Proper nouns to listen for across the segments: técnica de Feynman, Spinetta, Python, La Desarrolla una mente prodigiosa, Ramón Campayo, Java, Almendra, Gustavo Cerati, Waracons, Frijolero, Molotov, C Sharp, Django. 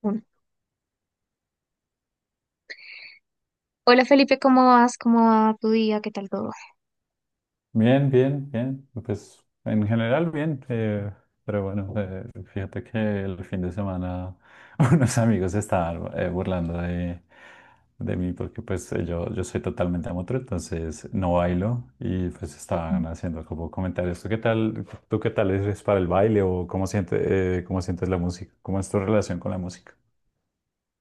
Bueno. Hola, Felipe, ¿cómo vas? ¿Cómo va tu día? ¿Qué tal todo? Bien, bien, bien. Pues en general bien, pero bueno, eh, fíjate que el fin de semana unos amigos estaban burlando de mí porque pues yo soy totalmente amateur, entonces no bailo y pues estaban haciendo como comentarios. ¿Tú qué tal, tú qué tal eres para el baile o cómo sientes la música? ¿Cómo es tu relación con la música?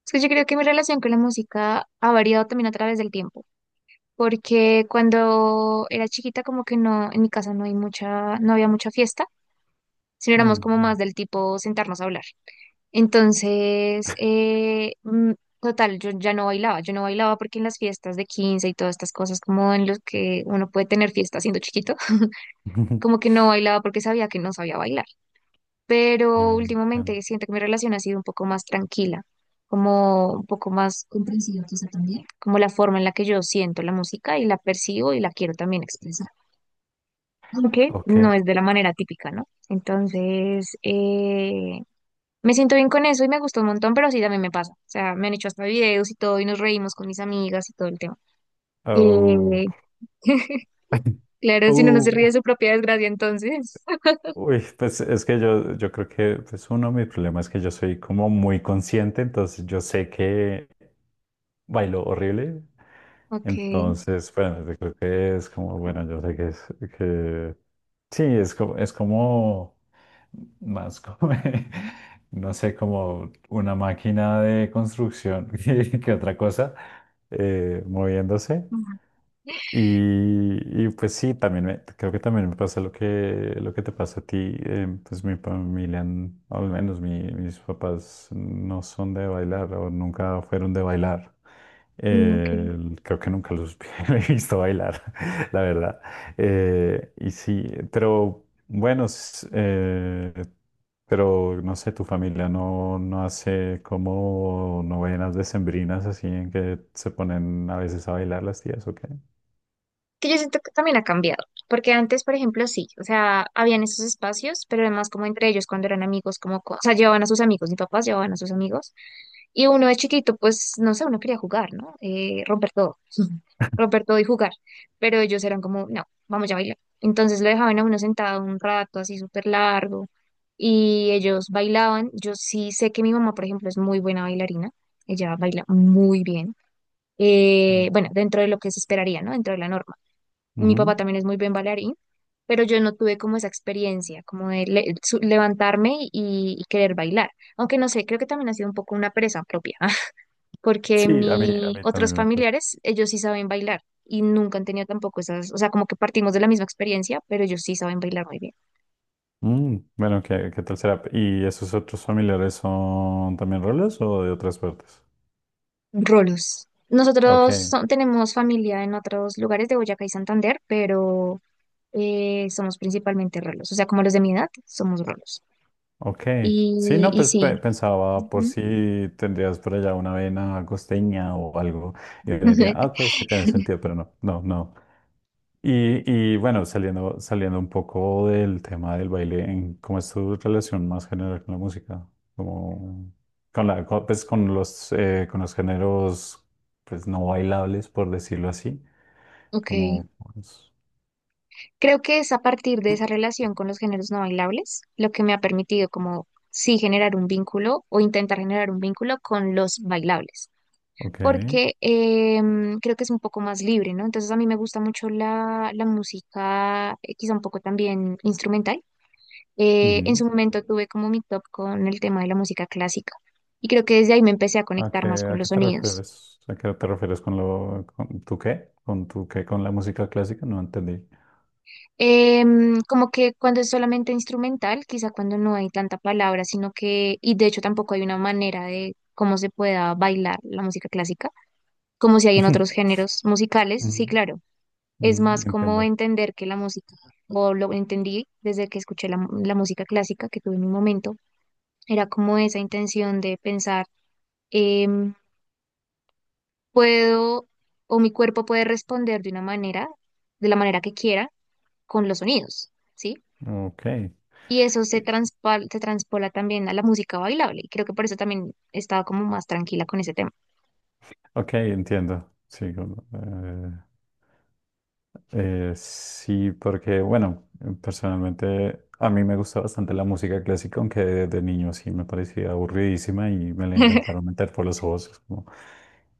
Es que yo creo que mi relación con la música ha variado también a través del tiempo, porque cuando era chiquita como que no, en mi casa no había mucha fiesta, sino éramos como Mm. más del tipo sentarnos a hablar. Entonces, total, yo no bailaba porque en las fiestas de 15 y todas estas cosas como en los que uno puede tener fiesta siendo chiquito, como que no bailaba porque sabía que no sabía bailar. Pero Entiendo. últimamente siento que mi relación ha sido un poco más tranquila, como un poco más comprensiva quizá también, como la forma en la que yo siento la música y la percibo y la quiero también expresar, aunque Ok. no es de la manera típica, ¿no? Entonces, me siento bien con eso y me gusta un montón, pero sí también me pasa, o sea, me han hecho hasta videos y todo y nos reímos con mis amigas y todo el tema. Oh. Eh, claro, si uno no se ríe Oh. de su propia desgracia, entonces. Uy, pues es que yo creo que pues uno de mis problemas es que yo soy como muy consciente, entonces yo sé que bailo horrible. Ok. Entonces bueno, yo creo que es como, bueno, yo sé que es que sí, es como más como, no sé, como una máquina de construcción que otra cosa moviéndose. Ujú. Pues sí, también creo que también me pasa lo que te pasa a ti. Pues mi familia, al menos mis papás, no son de bailar o nunca fueron de bailar. Mm, ok. Eh, Creo que nunca los he visto bailar, la verdad. Y sí, pero bueno, s- eh, pero no sé, tu familia no hace como novenas decembrinas así en que se ponen a veces a bailar las tías, ¿o qué? Que yo siento que también ha cambiado, porque antes, por ejemplo, sí, o sea, habían esos espacios, pero además como entre ellos cuando eran amigos, como, o sea, llevaban a sus amigos, mis papás llevaban a sus amigos, y uno de chiquito, pues, no sé, uno quería jugar, ¿no? Romper todo, romper todo y jugar, pero ellos eran como, no, vamos ya a bailar. Entonces lo dejaban a uno sentado un rato así súper largo y ellos bailaban. Yo sí sé que mi mamá, por ejemplo, es muy buena bailarina, ella baila muy bien. Bueno, dentro de lo que se esperaría, ¿no? Dentro de la norma, mi Ujú. papá también es muy buen bailarín, pero yo no tuve como esa experiencia, como de levantarme y querer bailar. Aunque no sé, creo que también ha sido un poco una presa propia, porque Sí, a mis mí otros también me pasa. familiares, ellos sí saben bailar y nunca han tenido tampoco esas, o sea, como que partimos de la misma experiencia, pero ellos sí saben bailar muy bien. Mm, bueno, ¿qué tal será? ¿Y esos otros familiares son también rolos o de otras partes? Rolos. Ok, Nosotros tenemos familia en otros lugares de Boyacá y Santander, pero somos principalmente rolos, o sea, como los de mi edad, somos rolos. ok. Sí, Y, no, y pues sí. Pensaba por Ujú. si tendrías por allá una vena costeña o algo. Y yo diría, ah, ok, sí tiene sentido, pero no, no, no. Y bueno, saliendo un poco del tema del baile, ¿cómo es tu relación más general con la música? Como con pues con con los géneros, pues no bailables, por decirlo así, Ok, como, pues, creo que es a partir de esa relación con los géneros no bailables lo que me ha permitido como sí generar un vínculo o intentar generar un vínculo con los bailables, ok, porque creo que es un poco más libre, ¿no? Entonces a mí me gusta mucho la música, quizá un poco también instrumental. En ujú. su momento tuve como mi top con el tema de la música clásica y creo que desde ahí me empecé a conectar más con ¿a qué los te sonidos. refieres? ¿A qué te refieres con tu qué? ¿Con tu qué? ¿Con la música clásica? No entendí. Como que cuando es solamente instrumental, quizá cuando no hay tanta palabra, sino que, y de hecho tampoco hay una manera de cómo se pueda bailar la música clásica, como si hay en otros géneros musicales, sí, Ujú, claro, es ujú. más como Entiendo. entender que la música, o lo entendí desde que escuché la música clásica que tuve en un momento, era como esa intención de pensar, em, puedo, o mi cuerpo puede responder de una manera, de la manera que quiera, con los sonidos. ¿Sí? Ok. Eh. Y eso se, transpa se transpola también a la música bailable. Y creo que por eso también estaba como más tranquila con ese tema. Ok, entiendo. Sí, como, sí, porque bueno, personalmente a mí me gusta bastante la música clásica, aunque de niño sí me parecía aburridísima y me la intentaron meter por los ojos. Es como,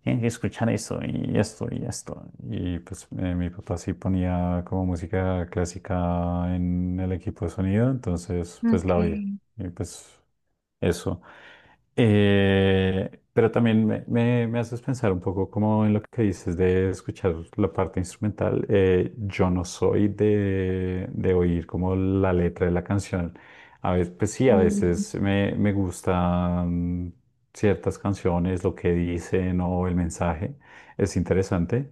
tienes que escuchar esto y esto y esto. Y pues mi papá sí ponía como música clásica en el equipo de sonido, entonces pues la oía. Okay. Y pues eso. Pero también me haces pensar un poco como en lo que dices de escuchar la parte instrumental. Yo no soy de oír como la letra de la canción. A veces, pues sí, a Mm, veces me gustan ciertas canciones, lo que dicen o el mensaje. Es interesante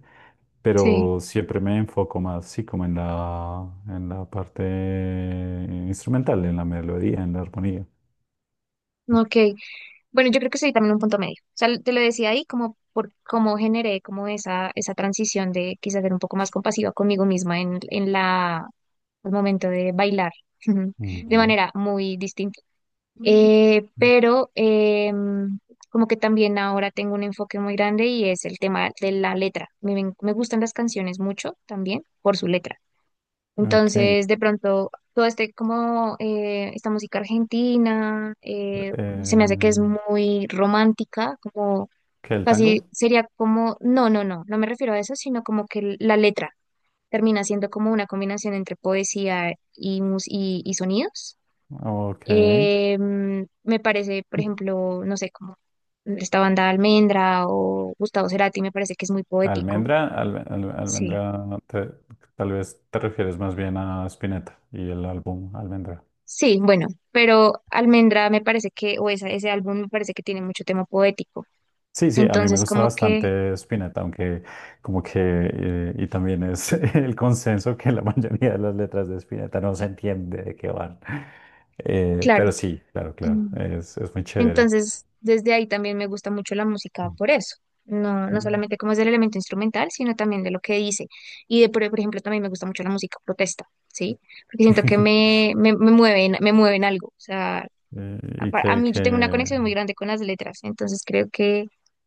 sí, pero siempre me enfoco más, sí, como en en la parte instrumental, en la melodía, en la armonía. ok. Bueno, yo creo que soy también un punto medio. O sea, te lo decía ahí como por cómo generé como esa transición de quizás ser un poco más compasiva conmigo misma el momento de bailar. De Ujú. manera muy distinta. Pero como que también ahora tengo un enfoque muy grande y es el tema de la letra. Me gustan las canciones mucho también por su letra. Ok. Entonces, de pronto, todo este como esta música argentina se me hace que es Eh, muy romántica, como ¿Qué el casi tango? sería como, no, no, no, no me refiero a eso, sino como que la letra termina siendo como una combinación entre poesía y, y sonidos. Ok. Me parece, por ejemplo, no sé, como esta banda Almendra o Gustavo Cerati, me parece que es muy poético. Almendra, Sí, almendra, tal vez te refieres más bien a Spinetta y el álbum Almendra. sí, bueno, pero Almendra me parece que, o esa, ese álbum me parece que tiene mucho tema poético. Sí, sí, a mí me Entonces, gusta como que, bastante Spinetta, aunque como que, y también es el consenso que la mayoría de las letras de Spinetta no se entiende de qué van. Claro. Pero sí, claro, claro, Mm, es muy chévere. entonces, desde ahí también me gusta mucho la música por eso. No, no Mm. solamente como es del elemento instrumental, sino también de lo que dice. Y de, por ejemplo, también me gusta mucho la música protesta, ¿sí? Porque siento que me mueven algo, o sea, Eh, ¿Y a mí yo tengo una que, conexión muy grande con las letras, entonces creo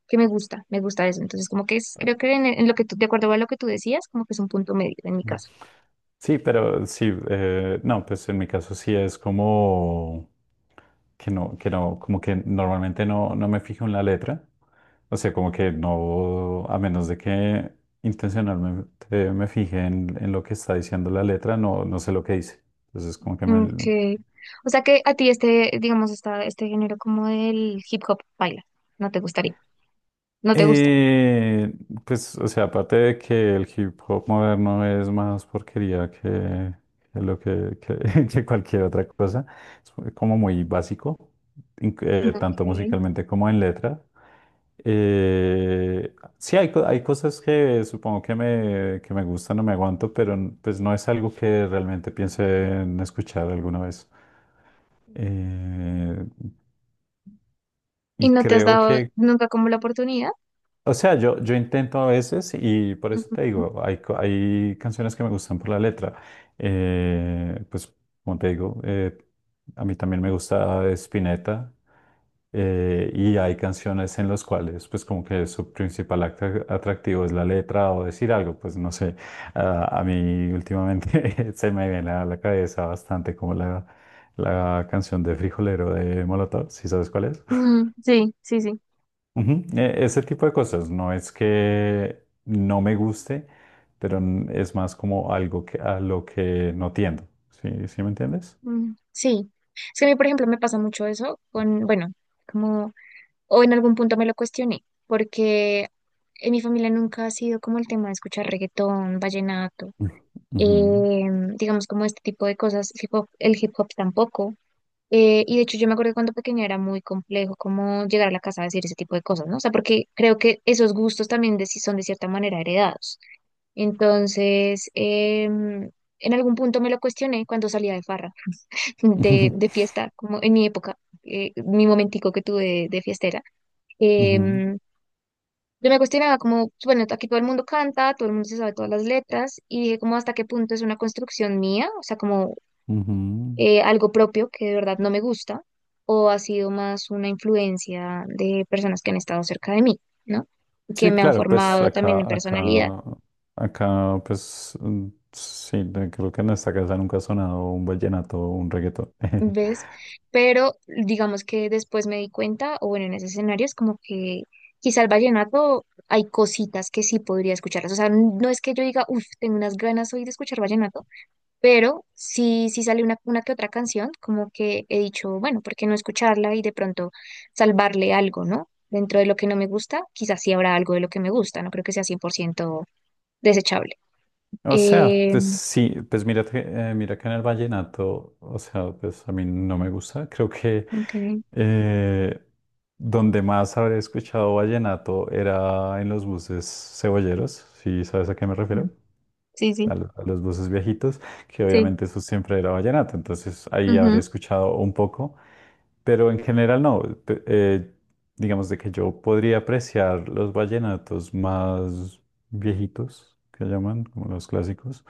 que me gusta eso. Entonces, como que es, creo que en lo que tú, de acuerdo a lo que tú decías, como que es un punto medio en mi Mm. caso. Sí, pero sí, no, pues en mi caso sí es como que no, como que normalmente no, no me fijo en la letra. O sea, como que no, a menos de que intencionalmente me fije en lo que está diciendo la letra, no, no sé lo que dice. Entonces, como que Mm, me, o sea que a ti este, digamos, este género como del hip hop baila, no te gustaría, no te gusta. Eh, pues, o sea, aparte de que el hip hop moderno es más porquería que lo que- que cualquier otra cosa, es como muy básico, tanto Ok. musicalmente como en letra. Sí, hay, hay cosas que supongo que que me gustan o me aguanto, pero pues no es algo que realmente piense en escuchar alguna vez. Eh, ¿Y y no te has creo dado que nunca como la oportunidad? O sea, yo intento a veces y por eso te Ujú. digo, hay, hay canciones que me gustan por la letra. Pues, como te digo, a mí también me gusta Spinetta, y hay canciones en las cuales, pues, como que su principal atractivo es la letra o decir algo, pues, no sé. Ah, a mí últimamente se me viene a la cabeza bastante como la canción de Frijolero de Molotov, ¿si sabes cuál es? Mm, sí, sí, sí. Ujú, Ese tipo de cosas, no es que no me guste, pero es más como algo que, a lo que no tiendo. ¿Sí, sí me entiendes? Mm, sí. Es que a mí, por ejemplo, me pasa mucho eso con, bueno, como o en algún punto me lo cuestioné, porque en mi familia nunca ha sido como el tema de escuchar reggaetón, vallenato, Ujú, ujú, eh, digamos como este tipo de cosas, el hip hop tampoco. Y de hecho yo me acuerdo que cuando pequeña era muy complejo como llegar a la casa a decir ese tipo de cosas, ¿no? O sea, porque creo que esos gustos también de, si son de cierta manera heredados. Entonces, en algún punto me lo cuestioné cuando salía de farra, de fiesta, como en mi época, mi momentico que tuve de fiestera. ujú, em, yo me cuestionaba como, bueno, aquí todo el mundo canta, todo el mundo se sabe todas las letras, y dije como hasta qué punto es una construcción mía, o sea, como ujú. Algo propio que de verdad no me gusta, o ha sido más una influencia de personas que han estado cerca de mí, ¿no? Que Sí, me han claro, pues formado también acá, en personalidad, acá, acá, pues mm, sí, creo que en esta casa nunca ha sonado un vallenato o un reggaetón. ¿ves? Pero digamos que después me di cuenta, o bueno, en ese escenario es como que quizá el vallenato hay cositas que sí podría escucharlas, o sea, no es que yo diga, uff, tengo unas ganas hoy de escuchar vallenato, pero sí, sí sale una que otra canción, como que he dicho, bueno, ¿por qué no escucharla y de pronto salvarle algo?, ¿no? Dentro de lo que no me gusta, quizás sí habrá algo de lo que me gusta, no creo que sea 100% desechable. O sea, Eh, pues sí, pues mira, mira que en el vallenato, o sea, pues a mí no me gusta, creo que... ok, Eh, Donde más habré escuchado vallenato era en los buses cebolleros, si sabes a qué me mm, refiero, sí, sí, a los buses viejitos, que sí. obviamente eso siempre era vallenato, entonces ahí habré Ujú. escuchado un poco, pero en general no, digamos de que yo podría apreciar los vallenatos más viejitos, que llaman, como los clásicos,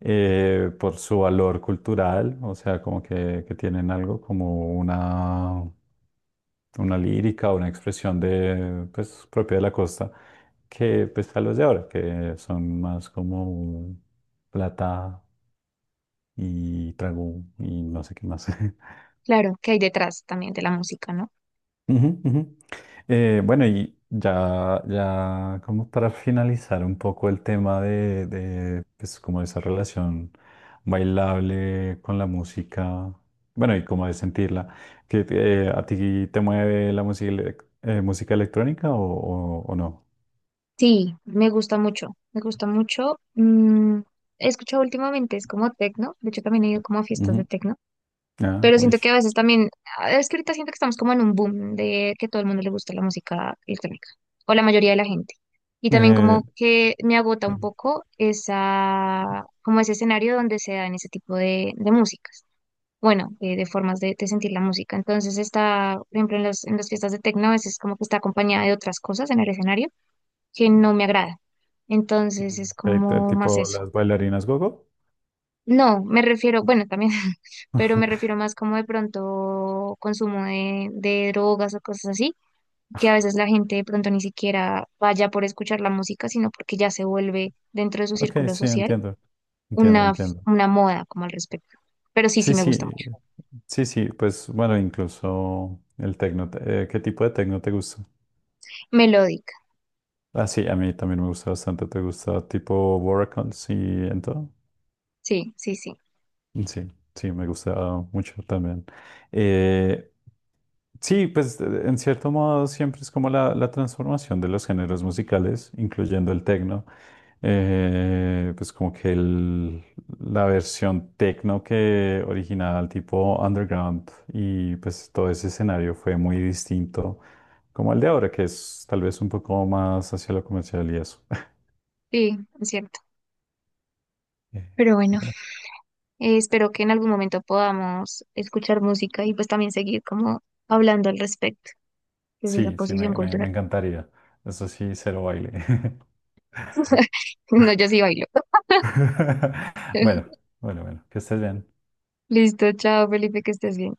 por su valor cultural, o sea, como que tienen algo como una lírica, una expresión de, pues, propia de la costa, que pues a los de ahora, que son más como plata y trago y no sé qué más. Claro, que hay detrás también de la música, ¿no? Ujú, ujú. Bueno, y ya, ya como para finalizar un poco el tema pues, como esa relación bailable con la música, bueno, y como de sentirla, que a ti te mueve la música, música electrónica o no? Sí, me gusta mucho, me gusta mucho. He escuchado últimamente, es como tecno, de hecho también he ido como a fiestas de Ujú. tecno. Ah, Pero uy. siento que a veces también, ah, es que ahorita siento que estamos como en un boom de que todo el mundo le gusta la música electrónica, o la mayoría de la gente. Y también Eh, como que me agota un poco esa, como ese escenario donde se dan ese tipo de músicas. Bueno, de formas de sentir la música. Entonces está, por ejemplo, en las, fiestas de tecno, a veces como que está acompañada de otras cosas en el escenario que no me agrada. Entonces es ok, como más tipo eso. las bailarinas gogo. No, me refiero, bueno, también, pero me refiero más como de pronto consumo de drogas o cosas así, que a veces la gente de pronto ni siquiera vaya por escuchar la música, sino porque ya se vuelve dentro de su Ok, círculo sí, social entiendo. Entiendo, una, f- entiendo. una moda como al respecto. Pero sí, Sí, sí me sí, gusta mucho. sí, sí. Pues bueno, incluso el tecno. ¿Qué tipo de tecno te gusta? Melódica, Ah, sí, a mí también me gusta bastante. ¿Te gusta tipo Waracons y en todo? sí, sí, sí, Sí, sí, me gusta mucho también. Eh, Sí, pues en cierto modo siempre es como la transformación de los géneros musicales, incluyendo el tecno. Pues como que la versión tecno que original tipo underground y pues todo ese escenario fue muy distinto como el de ahora, que es tal vez un poco más hacia lo comercial y eso. sí, es cierto. Eh, Pero bueno, bueno, espero que en algún momento podamos escuchar música y pues también seguir como hablando al respecto desde esa sí, sí, posición me cultural. encantaría. Eso sí, cero baile. No, yo sí bailo. Bueno, bueno, bueno, que estés bien. Listo, chao, Felipe, que estés bien.